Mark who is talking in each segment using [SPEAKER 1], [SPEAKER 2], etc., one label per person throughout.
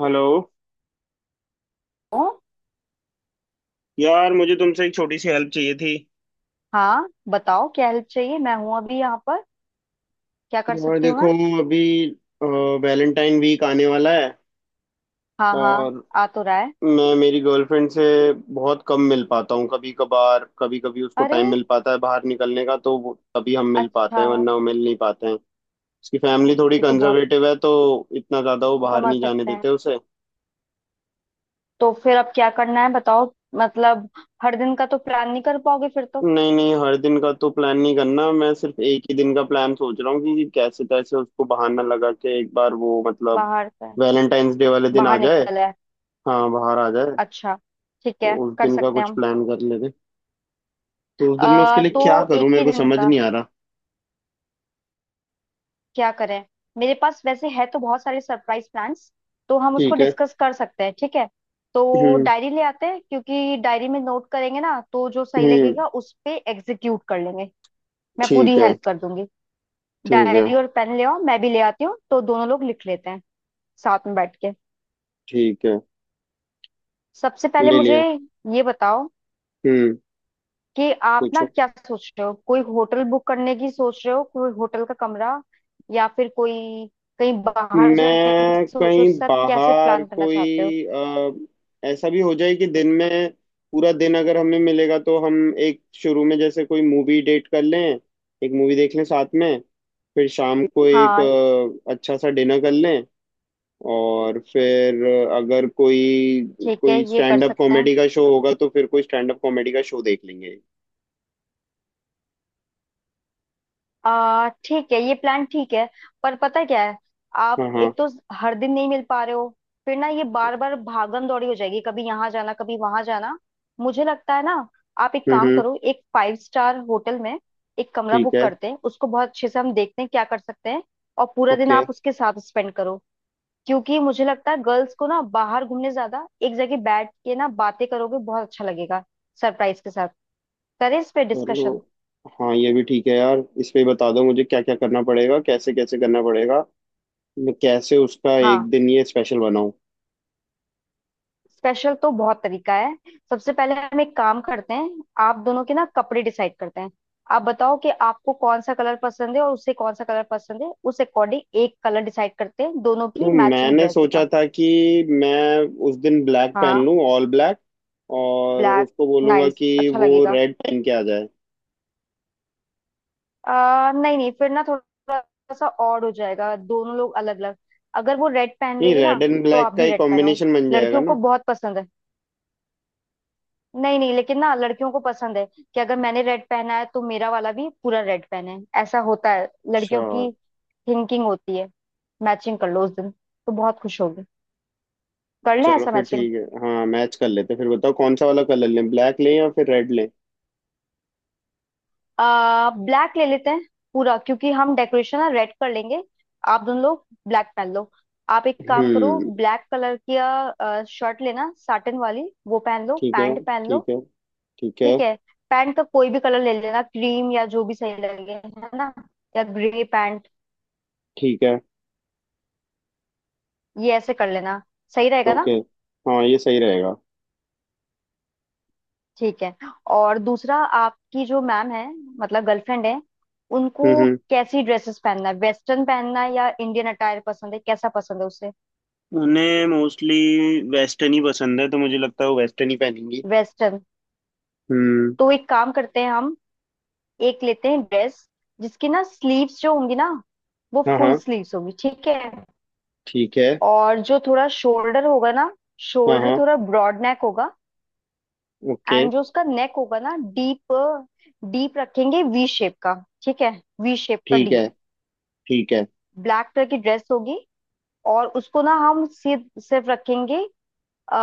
[SPEAKER 1] Hello.
[SPEAKER 2] हूँ।
[SPEAKER 1] यार मुझे तुमसे एक छोटी सी हेल्प चाहिए थी।
[SPEAKER 2] हाँ, बताओ क्या हेल्प चाहिए। मैं हूँ अभी यहाँ पर, क्या कर
[SPEAKER 1] यार
[SPEAKER 2] सकती हूँ
[SPEAKER 1] देखो,
[SPEAKER 2] मैं?
[SPEAKER 1] अभी वैलेंटाइन वीक आने वाला है
[SPEAKER 2] हाँ हाँ।
[SPEAKER 1] और
[SPEAKER 2] आ तो रहा है।
[SPEAKER 1] मैं मेरी गर्लफ्रेंड से बहुत कम मिल पाता हूँ। कभी कभार कभी कभी उसको
[SPEAKER 2] अरे,
[SPEAKER 1] टाइम मिल पाता है बाहर निकलने का तो तभी हम मिल
[SPEAKER 2] अच्छा।
[SPEAKER 1] पाते हैं, वरना वो मिल नहीं पाते हैं। उसकी फैमिली थोड़ी
[SPEAKER 2] ये तो बहुत
[SPEAKER 1] कंजर्वेटिव है, तो इतना ज़्यादा वो बाहर
[SPEAKER 2] समझ
[SPEAKER 1] नहीं जाने
[SPEAKER 2] सकते हैं।
[SPEAKER 1] देते उसे।
[SPEAKER 2] तो फिर अब क्या करना है बताओ? मतलब हर दिन का तो प्लान नहीं कर पाओगे फिर तो।
[SPEAKER 1] नहीं नहीं, हर दिन का तो प्लान नहीं करना, मैं सिर्फ एक ही दिन का प्लान सोच रहा हूँ कि कैसे तैसे उसको बहाना लगा के एक बार वो, मतलब
[SPEAKER 2] बाहर से
[SPEAKER 1] वैलेंटाइंस डे वाले दिन आ
[SPEAKER 2] बाहर
[SPEAKER 1] जाए।
[SPEAKER 2] निकल है।
[SPEAKER 1] हाँ, बाहर आ जाए।
[SPEAKER 2] अच्छा, ठीक
[SPEAKER 1] तो
[SPEAKER 2] है,
[SPEAKER 1] उस
[SPEAKER 2] कर
[SPEAKER 1] दिन का
[SPEAKER 2] सकते हैं
[SPEAKER 1] कुछ
[SPEAKER 2] हम।
[SPEAKER 1] प्लान कर लेते। तो उस दिन मैं उसके लिए
[SPEAKER 2] तो
[SPEAKER 1] क्या करूँ,
[SPEAKER 2] एक
[SPEAKER 1] मेरे
[SPEAKER 2] ही
[SPEAKER 1] को
[SPEAKER 2] दिन
[SPEAKER 1] समझ
[SPEAKER 2] का
[SPEAKER 1] नहीं आ रहा।
[SPEAKER 2] क्या करें। मेरे पास वैसे है तो बहुत सारे सरप्राइज प्लान्स, तो हम उसको
[SPEAKER 1] ठीक है।
[SPEAKER 2] डिस्कस कर सकते हैं, ठीक है। तो
[SPEAKER 1] हम्म।
[SPEAKER 2] डायरी ले आते हैं, क्योंकि डायरी में नोट करेंगे ना, तो जो सही
[SPEAKER 1] हम्म।
[SPEAKER 2] लगेगा उस पे एग्जीक्यूट कर लेंगे। मैं
[SPEAKER 1] ठीक
[SPEAKER 2] पूरी
[SPEAKER 1] है।
[SPEAKER 2] हेल्प कर दूंगी।
[SPEAKER 1] ठीक है।
[SPEAKER 2] डायरी और पेन ले आओ, मैं भी ले आती हूँ, तो दोनों लोग लिख लेते हैं साथ में बैठ के।
[SPEAKER 1] ठीक है।
[SPEAKER 2] सबसे पहले
[SPEAKER 1] ले
[SPEAKER 2] मुझे
[SPEAKER 1] लिया।
[SPEAKER 2] ये बताओ,
[SPEAKER 1] हम्म।
[SPEAKER 2] कि आप ना
[SPEAKER 1] पूछो।
[SPEAKER 2] क्या सोच रहे हो, कोई होटल बुक करने की सोच रहे हो, कोई होटल का कमरा या फिर कोई कहीं बाहर जाने की
[SPEAKER 1] मैं
[SPEAKER 2] सोच रहे हो,
[SPEAKER 1] कहीं
[SPEAKER 2] सब कैसे
[SPEAKER 1] बाहर
[SPEAKER 2] प्लान करना चाहते हो?
[SPEAKER 1] कोई ऐसा भी हो जाए कि दिन में, पूरा दिन अगर हमें मिलेगा तो हम एक शुरू में जैसे कोई मूवी डेट कर लें, एक मूवी देख लें साथ में। फिर शाम को एक
[SPEAKER 2] हाँ,
[SPEAKER 1] अच्छा सा डिनर कर लें। और फिर अगर कोई
[SPEAKER 2] ठीक है,
[SPEAKER 1] कोई
[SPEAKER 2] ये कर
[SPEAKER 1] स्टैंड अप
[SPEAKER 2] सकते हैं।
[SPEAKER 1] कॉमेडी का शो होगा तो फिर कोई स्टैंड अप कॉमेडी का शो देख लेंगे।
[SPEAKER 2] आ ठीक है, ये प्लान ठीक है। पर पता है क्या है, आप
[SPEAKER 1] हाँ
[SPEAKER 2] एक
[SPEAKER 1] हाँ।
[SPEAKER 2] तो हर दिन नहीं मिल पा रहे हो, फिर ना ये बार बार भागम दौड़ी हो जाएगी, कभी यहाँ जाना कभी वहां जाना। मुझे लगता है ना, आप एक
[SPEAKER 1] हम्म
[SPEAKER 2] काम
[SPEAKER 1] हम्म,
[SPEAKER 2] करो, एक 5 स्टार होटल में एक कमरा
[SPEAKER 1] ठीक
[SPEAKER 2] बुक
[SPEAKER 1] है।
[SPEAKER 2] करते हैं, उसको बहुत अच्छे से हम देखते हैं क्या कर सकते हैं। और पूरा दिन
[SPEAKER 1] ओके।
[SPEAKER 2] आप उसके साथ स्पेंड करो। क्योंकि मुझे लगता है गर्ल्स को ना बाहर घूमने ज्यादा एक जगह बैठ के ना बातें करोगे बहुत अच्छा लगेगा, सरप्राइज के साथ। करें इस पे
[SPEAKER 1] चलो।
[SPEAKER 2] डिस्कशन।
[SPEAKER 1] हाँ ये भी ठीक है यार, इस पे बता दो मुझे क्या क्या करना पड़ेगा, कैसे कैसे करना पड़ेगा। मैं कैसे उसका एक
[SPEAKER 2] हाँ,
[SPEAKER 1] दिन ये स्पेशल बनाऊं।
[SPEAKER 2] स्पेशल तो बहुत तरीका है। सबसे पहले हम एक काम करते हैं, आप दोनों के ना कपड़े डिसाइड करते हैं। आप बताओ कि आपको कौन सा कलर पसंद है और उसे कौन सा कलर पसंद है, उस अकॉर्डिंग एक कलर डिसाइड करते हैं दोनों की
[SPEAKER 1] तो
[SPEAKER 2] मैचिंग
[SPEAKER 1] मैंने
[SPEAKER 2] ड्रेस
[SPEAKER 1] सोचा
[SPEAKER 2] का।
[SPEAKER 1] था कि मैं उस दिन ब्लैक पहन
[SPEAKER 2] हाँ,
[SPEAKER 1] लूं, ऑल ब्लैक। और
[SPEAKER 2] ब्लैक
[SPEAKER 1] उसको बोलूंगा
[SPEAKER 2] नाइस,
[SPEAKER 1] कि
[SPEAKER 2] अच्छा
[SPEAKER 1] वो
[SPEAKER 2] लगेगा।
[SPEAKER 1] रेड पहन के आ जाए।
[SPEAKER 2] नहीं नहीं, फिर ना थोड़ा सा ऑड हो जाएगा, दोनों लोग अलग अलग। अगर वो रेड पहन
[SPEAKER 1] नहीं,
[SPEAKER 2] रही है
[SPEAKER 1] रेड
[SPEAKER 2] ना,
[SPEAKER 1] एंड
[SPEAKER 2] तो
[SPEAKER 1] ब्लैक
[SPEAKER 2] आप
[SPEAKER 1] का
[SPEAKER 2] भी
[SPEAKER 1] ही
[SPEAKER 2] रेड पहनो,
[SPEAKER 1] कॉम्बिनेशन बन जाएगा
[SPEAKER 2] लड़कियों को
[SPEAKER 1] ना।
[SPEAKER 2] बहुत पसंद है। नहीं नहीं, लेकिन ना लड़कियों को पसंद है कि अगर मैंने रेड पहना है तो मेरा वाला भी पूरा रेड पहने, ऐसा होता है
[SPEAKER 1] अच्छा।
[SPEAKER 2] लड़कियों की थिंकिंग होती है। मैचिंग कर लो उस दिन, तो बहुत खुश होगी। कर लें
[SPEAKER 1] चलो
[SPEAKER 2] ऐसा
[SPEAKER 1] फिर
[SPEAKER 2] मैचिंग।
[SPEAKER 1] ठीक है, हाँ मैच कर लेते हैं। फिर बताओ कौन सा वाला कलर लें, ब्लैक लें या फिर रेड लें।
[SPEAKER 2] आ ब्लैक ले लेते हैं पूरा, क्योंकि हम डेकोरेशन ना रेड कर लेंगे। आप दोनों लोग ब्लैक पहन लो। आप एक काम करो,
[SPEAKER 1] हम्म।
[SPEAKER 2] ब्लैक कलर की शर्ट लेना साटन वाली, वो पहन लो,
[SPEAKER 1] ठीक है।
[SPEAKER 2] पैंट पहन लो,
[SPEAKER 1] ठीक है। ठीक है।
[SPEAKER 2] ठीक है। पैंट का कोई भी कलर ले लेना, क्रीम या जो भी सही लगे, है ना, या ग्रे पैंट।
[SPEAKER 1] ठीक है।
[SPEAKER 2] ये ऐसे कर लेना, सही रहेगा
[SPEAKER 1] ओके।
[SPEAKER 2] ना,
[SPEAKER 1] हाँ ये सही रहेगा।
[SPEAKER 2] ठीक है। और दूसरा, आपकी जो मैम है, मतलब गर्लफ्रेंड है, उनको
[SPEAKER 1] हम्म।
[SPEAKER 2] कैसी ड्रेसेस पहनना है, वेस्टर्न पहनना है या इंडियन अटायर पसंद है, कैसा पसंद है उसे?
[SPEAKER 1] उन्हें मोस्टली वेस्टर्न ही पसंद है, तो मुझे लगता है वो वेस्टर्न ही पहनेंगी।
[SPEAKER 2] वेस्टर्न।
[SPEAKER 1] हम्म।
[SPEAKER 2] तो एक काम करते हैं हम, एक लेते हैं ड्रेस, जिसकी ना स्लीव्स जो होंगी ना, वो
[SPEAKER 1] हाँ
[SPEAKER 2] फुल
[SPEAKER 1] हाँ।
[SPEAKER 2] स्लीव्स होगी, ठीक है।
[SPEAKER 1] ठीक है।
[SPEAKER 2] और जो थोड़ा शोल्डर होगा ना,
[SPEAKER 1] हाँ
[SPEAKER 2] शोल्डर
[SPEAKER 1] हाँ।
[SPEAKER 2] थोड़ा ब्रॉड नेक होगा।
[SPEAKER 1] ओके।
[SPEAKER 2] एंड जो उसका नेक होगा ना डीप, डीप रखेंगे वी शेप का, ठीक है, वी शेप का।
[SPEAKER 1] ठीक है। ठीक है।
[SPEAKER 2] ब्लैक कलर की ड्रेस होगी, और उसको ना हम सीध सिर्फ रखेंगे, आ,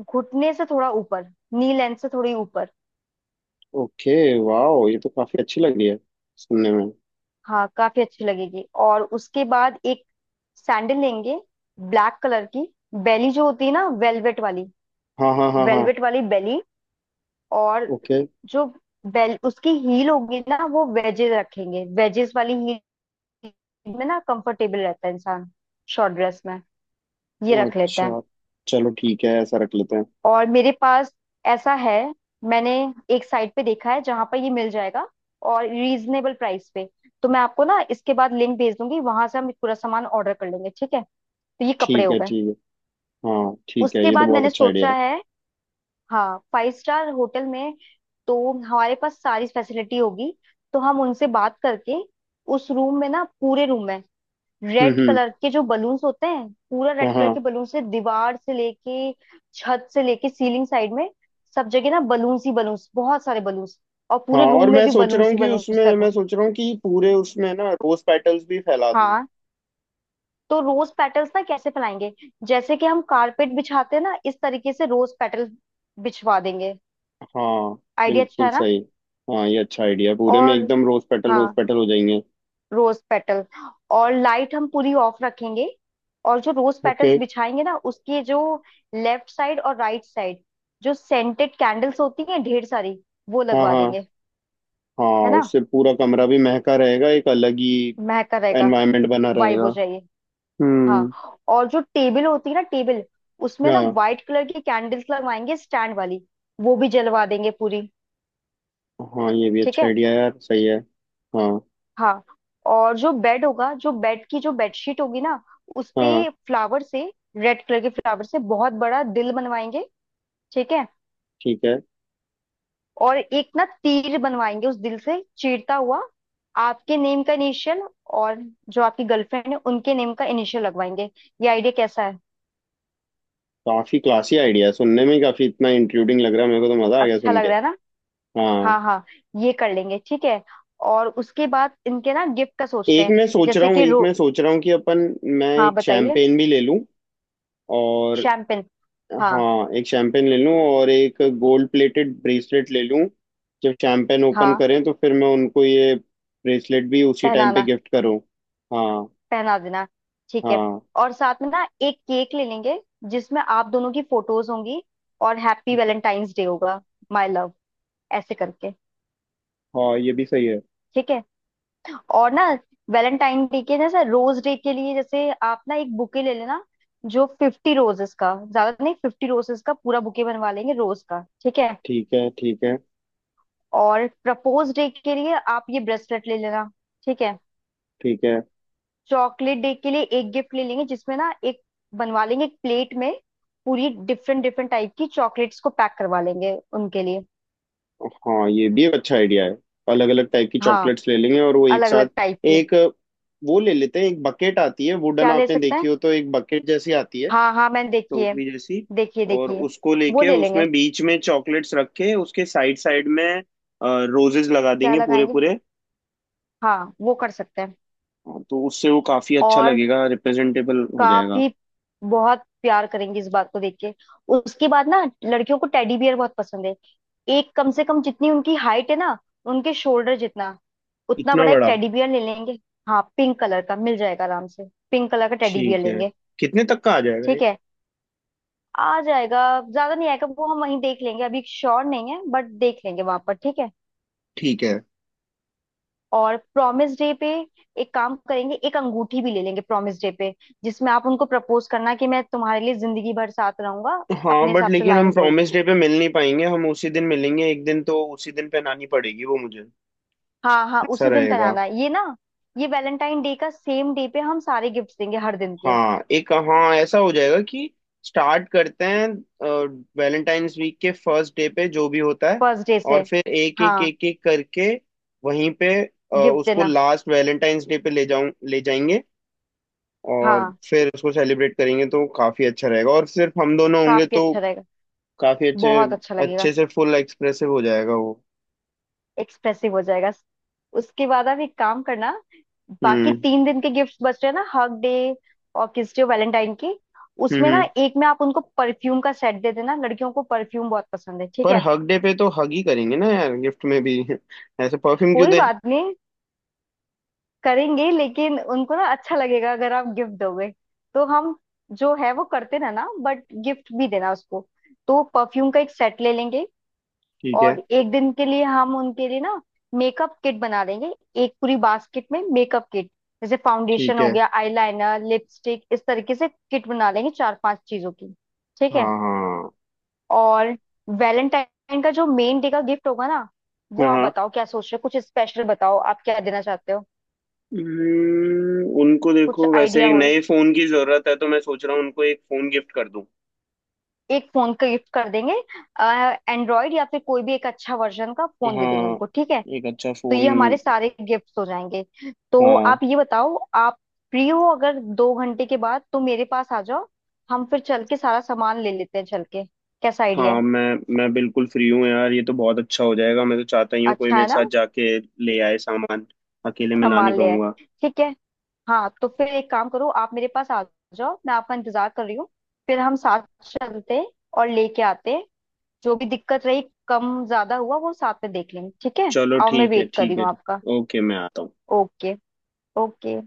[SPEAKER 2] घुटने से थोड़ा ऊपर, नी लेंथ से थोड़ी ऊपर।
[SPEAKER 1] ओके। वाह, ये तो काफी अच्छी लग रही है सुनने में।
[SPEAKER 2] हाँ, काफी अच्छी लगेगी। और उसके बाद एक सैंडल लेंगे, ब्लैक कलर की। बेली जो होती है ना वेलवेट वाली,
[SPEAKER 1] हाँ हाँ हाँ हाँ।
[SPEAKER 2] वेलवेट वाली बेली। और
[SPEAKER 1] ओके।
[SPEAKER 2] जो बेल उसकी हील होगी ना, वो वेजेस रखेंगे, वेजेस वाली हील में ना कंफर्टेबल रहता है इंसान शॉर्ट ड्रेस में, ये रख लेते हैं।
[SPEAKER 1] अच्छा। चलो ठीक है, ऐसा रख लेते हैं।
[SPEAKER 2] और मेरे पास ऐसा है, मैंने एक साइट पे देखा है जहां पर ये मिल जाएगा, और रीजनेबल प्राइस पे। तो मैं आपको ना इसके बाद लिंक भेज दूंगी, वहां से हम पूरा सामान ऑर्डर कर लेंगे, ठीक है। तो ये कपड़े
[SPEAKER 1] ठीक
[SPEAKER 2] हो
[SPEAKER 1] है।
[SPEAKER 2] गए।
[SPEAKER 1] ठीक है। हाँ ठीक है,
[SPEAKER 2] उसके
[SPEAKER 1] ये तो
[SPEAKER 2] बाद
[SPEAKER 1] बहुत
[SPEAKER 2] मैंने
[SPEAKER 1] अच्छा आइडिया
[SPEAKER 2] सोचा
[SPEAKER 1] है।
[SPEAKER 2] है, हाँ, 5 स्टार होटल में तो हमारे पास सारी फैसिलिटी होगी, तो हम उनसे बात करके उस रूम में ना, पूरे रूम में रेड
[SPEAKER 1] हम्म।
[SPEAKER 2] कलर के जो बलून्स होते हैं, पूरा
[SPEAKER 1] हाँ
[SPEAKER 2] रेड कलर
[SPEAKER 1] हाँ।
[SPEAKER 2] के बलून से दीवार से लेके छत से लेके सीलिंग साइड में, सब जगह ना बलून्स ही बलून्स, बहुत सारे बलून्स। और
[SPEAKER 1] हाँ।
[SPEAKER 2] पूरे
[SPEAKER 1] और
[SPEAKER 2] रूम में भी बलून्स ही बलून्स लगवा।
[SPEAKER 1] मैं सोच रहा हूँ कि पूरे उसमें ना रोज पेटल्स भी फैला दूँ।
[SPEAKER 2] हाँ, तो रोज पेटल्स ना कैसे फैलाएंगे, जैसे कि हम कारपेट बिछाते हैं ना, इस तरीके से रोज पेटल बिछवा देंगे।
[SPEAKER 1] हाँ।
[SPEAKER 2] आइडिया अच्छा
[SPEAKER 1] बिल्कुल
[SPEAKER 2] है ना।
[SPEAKER 1] सही। हाँ ये अच्छा आइडिया, पूरे में
[SPEAKER 2] और
[SPEAKER 1] एकदम रोज
[SPEAKER 2] हाँ,
[SPEAKER 1] पेटल हो जाएंगे।
[SPEAKER 2] Rose petal. और लाइट हम पूरी ऑफ रखेंगे। और जो रोज
[SPEAKER 1] ओके।
[SPEAKER 2] पेटल्स बिछाएंगे ना, उसके जो लेफ्ट साइड और राइट साइड, जो सेंटेड कैंडल्स होती हैं ढेर सारी, वो
[SPEAKER 1] हाँ
[SPEAKER 2] लगवा
[SPEAKER 1] हाँ।
[SPEAKER 2] देंगे। है
[SPEAKER 1] हाँ
[SPEAKER 2] ना,
[SPEAKER 1] उससे पूरा कमरा भी महका रहेगा, एक अलग ही
[SPEAKER 2] महका रहेगा,
[SPEAKER 1] एनवायरनमेंट बना
[SPEAKER 2] वाइब
[SPEAKER 1] रहेगा।
[SPEAKER 2] हो जाएगी।
[SPEAKER 1] हम्म।
[SPEAKER 2] हाँ, और जो टेबल होती है ना, टेबल उसमें ना
[SPEAKER 1] हाँ
[SPEAKER 2] व्हाइट कलर की कैंडल्स लगवाएंगे स्टैंड वाली, वो भी जलवा देंगे पूरी,
[SPEAKER 1] हाँ ये भी
[SPEAKER 2] ठीक
[SPEAKER 1] अच्छा
[SPEAKER 2] है।
[SPEAKER 1] आइडिया यार, सही है। हाँ।
[SPEAKER 2] हाँ, और जो बेड होगा, जो बेड की जो बेडशीट होगी ना, उस पे
[SPEAKER 1] हाँ।
[SPEAKER 2] फ्लावर से, रेड कलर के फ्लावर से बहुत बड़ा दिल बनवाएंगे, ठीक है।
[SPEAKER 1] ठीक है।
[SPEAKER 2] और एक ना तीर बनवाएंगे उस दिल से चीरता हुआ, आपके नेम का इनिशियल और जो आपकी गर्लफ्रेंड है उनके नेम का इनिशियल लगवाएंगे। ये आइडिया कैसा है?
[SPEAKER 1] काफी क्लासी आइडिया है, सुनने में ही काफी इतना इंट्रूडिंग लग रहा है मेरे को, तो मजा आ गया
[SPEAKER 2] अच्छा
[SPEAKER 1] सुन
[SPEAKER 2] लग
[SPEAKER 1] के।
[SPEAKER 2] रहा है ना।
[SPEAKER 1] हाँ।
[SPEAKER 2] हाँ हाँ, ये कर लेंगे, ठीक है। और उसके बाद इनके ना गिफ्ट का सोचते
[SPEAKER 1] एक
[SPEAKER 2] हैं,
[SPEAKER 1] मैं सोच रहा
[SPEAKER 2] जैसे
[SPEAKER 1] हूँ
[SPEAKER 2] कि
[SPEAKER 1] एक
[SPEAKER 2] रो।
[SPEAKER 1] मैं सोच रहा हूँ कि अपन, मैं
[SPEAKER 2] हाँ,
[SPEAKER 1] एक
[SPEAKER 2] बताइए।
[SPEAKER 1] शैम्पेन भी ले लूँ। और
[SPEAKER 2] शैम्पेन। हाँ
[SPEAKER 1] हाँ, एक शैंपेन ले लूँ और एक गोल्ड प्लेटेड ब्रेसलेट ले लूँ। जब शैंपेन ओपन
[SPEAKER 2] हाँ।
[SPEAKER 1] करें तो फिर मैं उनको ये ब्रेसलेट भी उसी टाइम पे
[SPEAKER 2] पहनाना,
[SPEAKER 1] गिफ्ट करूँ। हाँ।
[SPEAKER 2] पहना देना, ठीक है।
[SPEAKER 1] हाँ।
[SPEAKER 2] और साथ में ना एक केक ले लेंगे, जिसमें आप दोनों की फोटोज होंगी और हैप्पी वैलेंटाइंस डे होगा माय लव, ऐसे करके।
[SPEAKER 1] हाँ ये भी सही है।
[SPEAKER 2] ठीक है। और ना, वैलेंटाइन डे के जैसे रोज डे के लिए जैसे आप ना एक बुके ले लेना, जो 50 रोजेस का, ज्यादा नहीं, 50 रोजेस का पूरा बुके बनवा लेंगे रोज का, ठीक है।
[SPEAKER 1] ठीक है। ठीक है।
[SPEAKER 2] और प्रपोज डे के लिए आप ये ब्रेसलेट ले लेना, ठीक है।
[SPEAKER 1] ठीक है।
[SPEAKER 2] चॉकलेट डे के लिए एक गिफ्ट ले लेंगे, जिसमें ना एक बनवा लेंगे, एक प्लेट में पूरी डिफरेंट डिफरेंट टाइप की चॉकलेट्स को पैक करवा लेंगे उनके लिए।
[SPEAKER 1] हाँ ये भी एक अच्छा आइडिया है, अलग अलग टाइप की
[SPEAKER 2] हाँ,
[SPEAKER 1] चॉकलेट्स ले लेंगे और वो एक
[SPEAKER 2] अलग
[SPEAKER 1] साथ,
[SPEAKER 2] अलग टाइप की।
[SPEAKER 1] एक वो ले लेते हैं, एक बकेट आती है वुडन,
[SPEAKER 2] क्या ले
[SPEAKER 1] आपने
[SPEAKER 2] सकते
[SPEAKER 1] देखी
[SPEAKER 2] हैं,
[SPEAKER 1] हो तो, एक बकेट जैसी आती है
[SPEAKER 2] हाँ हाँ, मैंने देखी है।
[SPEAKER 1] टोकरी जैसी।
[SPEAKER 2] देखिए
[SPEAKER 1] और
[SPEAKER 2] देखिए।
[SPEAKER 1] उसको
[SPEAKER 2] वो
[SPEAKER 1] लेके
[SPEAKER 2] ले लेंगे।
[SPEAKER 1] उसमें बीच में चॉकलेट्स रख के उसके साइड साइड में रोजेस लगा
[SPEAKER 2] क्या
[SPEAKER 1] देंगे पूरे
[SPEAKER 2] लगाएंगे?
[SPEAKER 1] पूरे।
[SPEAKER 2] हाँ, वो कर सकते हैं।
[SPEAKER 1] हाँ, तो उससे वो काफी अच्छा
[SPEAKER 2] और
[SPEAKER 1] लगेगा, रिप्रेजेंटेबल हो जाएगा।
[SPEAKER 2] काफी, बहुत प्यार करेंगे इस बात को देख के। उसके बाद ना, लड़कियों को टेडी बियर बहुत पसंद है, एक कम से कम जितनी उनकी हाइट है ना, उनके शोल्डर जितना, उतना
[SPEAKER 1] इतना
[SPEAKER 2] बड़ा एक
[SPEAKER 1] बड़ा?
[SPEAKER 2] टेडी बियर ले लेंगे। हाँ, पिंक कलर का मिल जाएगा आराम से, पिंक कलर का टेडी बियर
[SPEAKER 1] ठीक है।
[SPEAKER 2] लेंगे,
[SPEAKER 1] कितने तक का आ जाएगा ये?
[SPEAKER 2] ठीक है। आ जाएगा, ज्यादा नहीं आएगा वो, हम वहीं देख लेंगे, अभी श्योर नहीं है बट देख लेंगे वहां पर, ठीक है।
[SPEAKER 1] ठीक है।
[SPEAKER 2] और प्रॉमिस डे पे एक काम करेंगे, एक अंगूठी भी ले लेंगे प्रॉमिस डे पे, जिसमें आप उनको प्रपोज करना कि मैं तुम्हारे लिए जिंदगी भर साथ रहूंगा,
[SPEAKER 1] हाँ
[SPEAKER 2] अपने
[SPEAKER 1] बट
[SPEAKER 2] हिसाब से
[SPEAKER 1] लेकिन हम
[SPEAKER 2] लाइन बोल के।
[SPEAKER 1] प्रॉमिस डे पे मिल नहीं पाएंगे, हम उसी दिन मिलेंगे, एक दिन, तो उसी दिन पहनानी पड़ेगी वो मुझे।
[SPEAKER 2] हाँ हाँ,
[SPEAKER 1] ऐसा
[SPEAKER 2] उसी दिन
[SPEAKER 1] रहेगा।
[SPEAKER 2] पहनाना है ये ना, ये वैलेंटाइन डे का सेम डे पे हम सारे गिफ्ट देंगे हर दिन के,
[SPEAKER 1] हाँ, एक हाँ ऐसा हो जाएगा कि स्टार्ट करते हैं वैलेंटाइंस वीक के फर्स्ट डे पे, जो भी होता है,
[SPEAKER 2] फर्स्ट डे से।
[SPEAKER 1] और फिर एक एक
[SPEAKER 2] हाँ,
[SPEAKER 1] एक एक करके वहीं पे
[SPEAKER 2] गिफ्ट
[SPEAKER 1] उसको
[SPEAKER 2] देना।
[SPEAKER 1] लास्ट वैलेंटाइंस डे पे ले जाएंगे। और
[SPEAKER 2] हाँ,
[SPEAKER 1] फिर उसको सेलिब्रेट करेंगे तो काफी अच्छा रहेगा, और सिर्फ हम दोनों होंगे
[SPEAKER 2] काफी
[SPEAKER 1] तो
[SPEAKER 2] अच्छा रहेगा,
[SPEAKER 1] काफी अच्छे,
[SPEAKER 2] बहुत अच्छा लगेगा,
[SPEAKER 1] अच्छे से फुल एक्सप्रेसिव हो जाएगा वो।
[SPEAKER 2] एक्सप्रेसिव हो जाएगा। उसके बाद आप एक काम करना, बाकी
[SPEAKER 1] हम्म।
[SPEAKER 2] 3 दिन के गिफ्ट्स बच रहे हैं ना, हग डे और किस डे वैलेंटाइन की,
[SPEAKER 1] हम्म।
[SPEAKER 2] उसमें
[SPEAKER 1] हम्म।
[SPEAKER 2] ना एक में आप उनको परफ्यूम का सेट दे देना, लड़कियों को परफ्यूम बहुत पसंद है, ठीक
[SPEAKER 1] पर
[SPEAKER 2] है।
[SPEAKER 1] हग डे पे तो हग ही करेंगे ना यार, गिफ्ट में भी ऐसे परफ्यूम क्यों
[SPEAKER 2] कोई
[SPEAKER 1] दें?
[SPEAKER 2] बात नहीं, करेंगे लेकिन उनको ना अच्छा लगेगा अगर आप गिफ्ट दोगे, तो हम जो है वो करते रहना बट गिफ्ट भी देना उसको। तो परफ्यूम का एक सेट ले लेंगे।
[SPEAKER 1] ठीक है।
[SPEAKER 2] और एक दिन के लिए हम उनके लिए ना मेकअप किट बना देंगे, एक पूरी बास्केट में मेकअप किट, जैसे फाउंडेशन
[SPEAKER 1] ठीक
[SPEAKER 2] हो
[SPEAKER 1] है।
[SPEAKER 2] गया, आईलाइनर, लिपस्टिक, इस तरीके से किट बना लेंगे 4-5 चीजों की, ठीक है।
[SPEAKER 1] हाँ हाँ
[SPEAKER 2] और वैलेंटाइन का जो मेन डे का गिफ्ट होगा ना, वो आप
[SPEAKER 1] हाँ।
[SPEAKER 2] बताओ क्या सोच रहे हो, कुछ स्पेशल बताओ, आप क्या देना चाहते हो,
[SPEAKER 1] उनको
[SPEAKER 2] कुछ
[SPEAKER 1] देखो, वैसे
[SPEAKER 2] आइडिया
[SPEAKER 1] एक
[SPEAKER 2] हो।
[SPEAKER 1] नए फोन की जरूरत है, तो मैं सोच रहा हूँ उनको एक फोन गिफ्ट कर दूं।
[SPEAKER 2] एक फोन का गिफ्ट कर देंगे, एंड्रॉइड या फिर कोई भी एक अच्छा वर्जन का फोन दे देंगे
[SPEAKER 1] हाँ,
[SPEAKER 2] उनको, ठीक है।
[SPEAKER 1] एक अच्छा
[SPEAKER 2] तो
[SPEAKER 1] फोन।
[SPEAKER 2] ये हमारे सारे गिफ्ट्स हो जाएंगे। तो
[SPEAKER 1] हाँ
[SPEAKER 2] आप ये बताओ, आप फ्री हो अगर 2 घंटे के बाद तो मेरे पास आ जाओ, हम फिर चल के सारा सामान ले लेते हैं चल के। कैसा आइडिया
[SPEAKER 1] हाँ,
[SPEAKER 2] है?
[SPEAKER 1] मैं बिल्कुल फ्री हूँ यार, ये तो बहुत अच्छा हो जाएगा, मैं तो चाहता ही हूँ कोई
[SPEAKER 2] अच्छा
[SPEAKER 1] मेरे
[SPEAKER 2] है ना।
[SPEAKER 1] साथ जाके ले आए सामान, अकेले मैं ला नहीं
[SPEAKER 2] सामान ले आए।
[SPEAKER 1] पाऊंगा।
[SPEAKER 2] ठीक है। हाँ, तो फिर एक काम करो, आप मेरे पास आ जाओ, मैं आपका इंतजार कर रही हूँ, फिर हम साथ चलते हैं और लेके आते हैं। जो भी दिक्कत रही, कम ज्यादा हुआ वो साथ में देख लेंगे, ठीक है।
[SPEAKER 1] चलो
[SPEAKER 2] और मैं
[SPEAKER 1] ठीक है।
[SPEAKER 2] वेट कर रही
[SPEAKER 1] ठीक है।
[SPEAKER 2] हूँ
[SPEAKER 1] ठीक।
[SPEAKER 2] आपका।
[SPEAKER 1] ओके, मैं आता हूँ।
[SPEAKER 2] Okay, okay.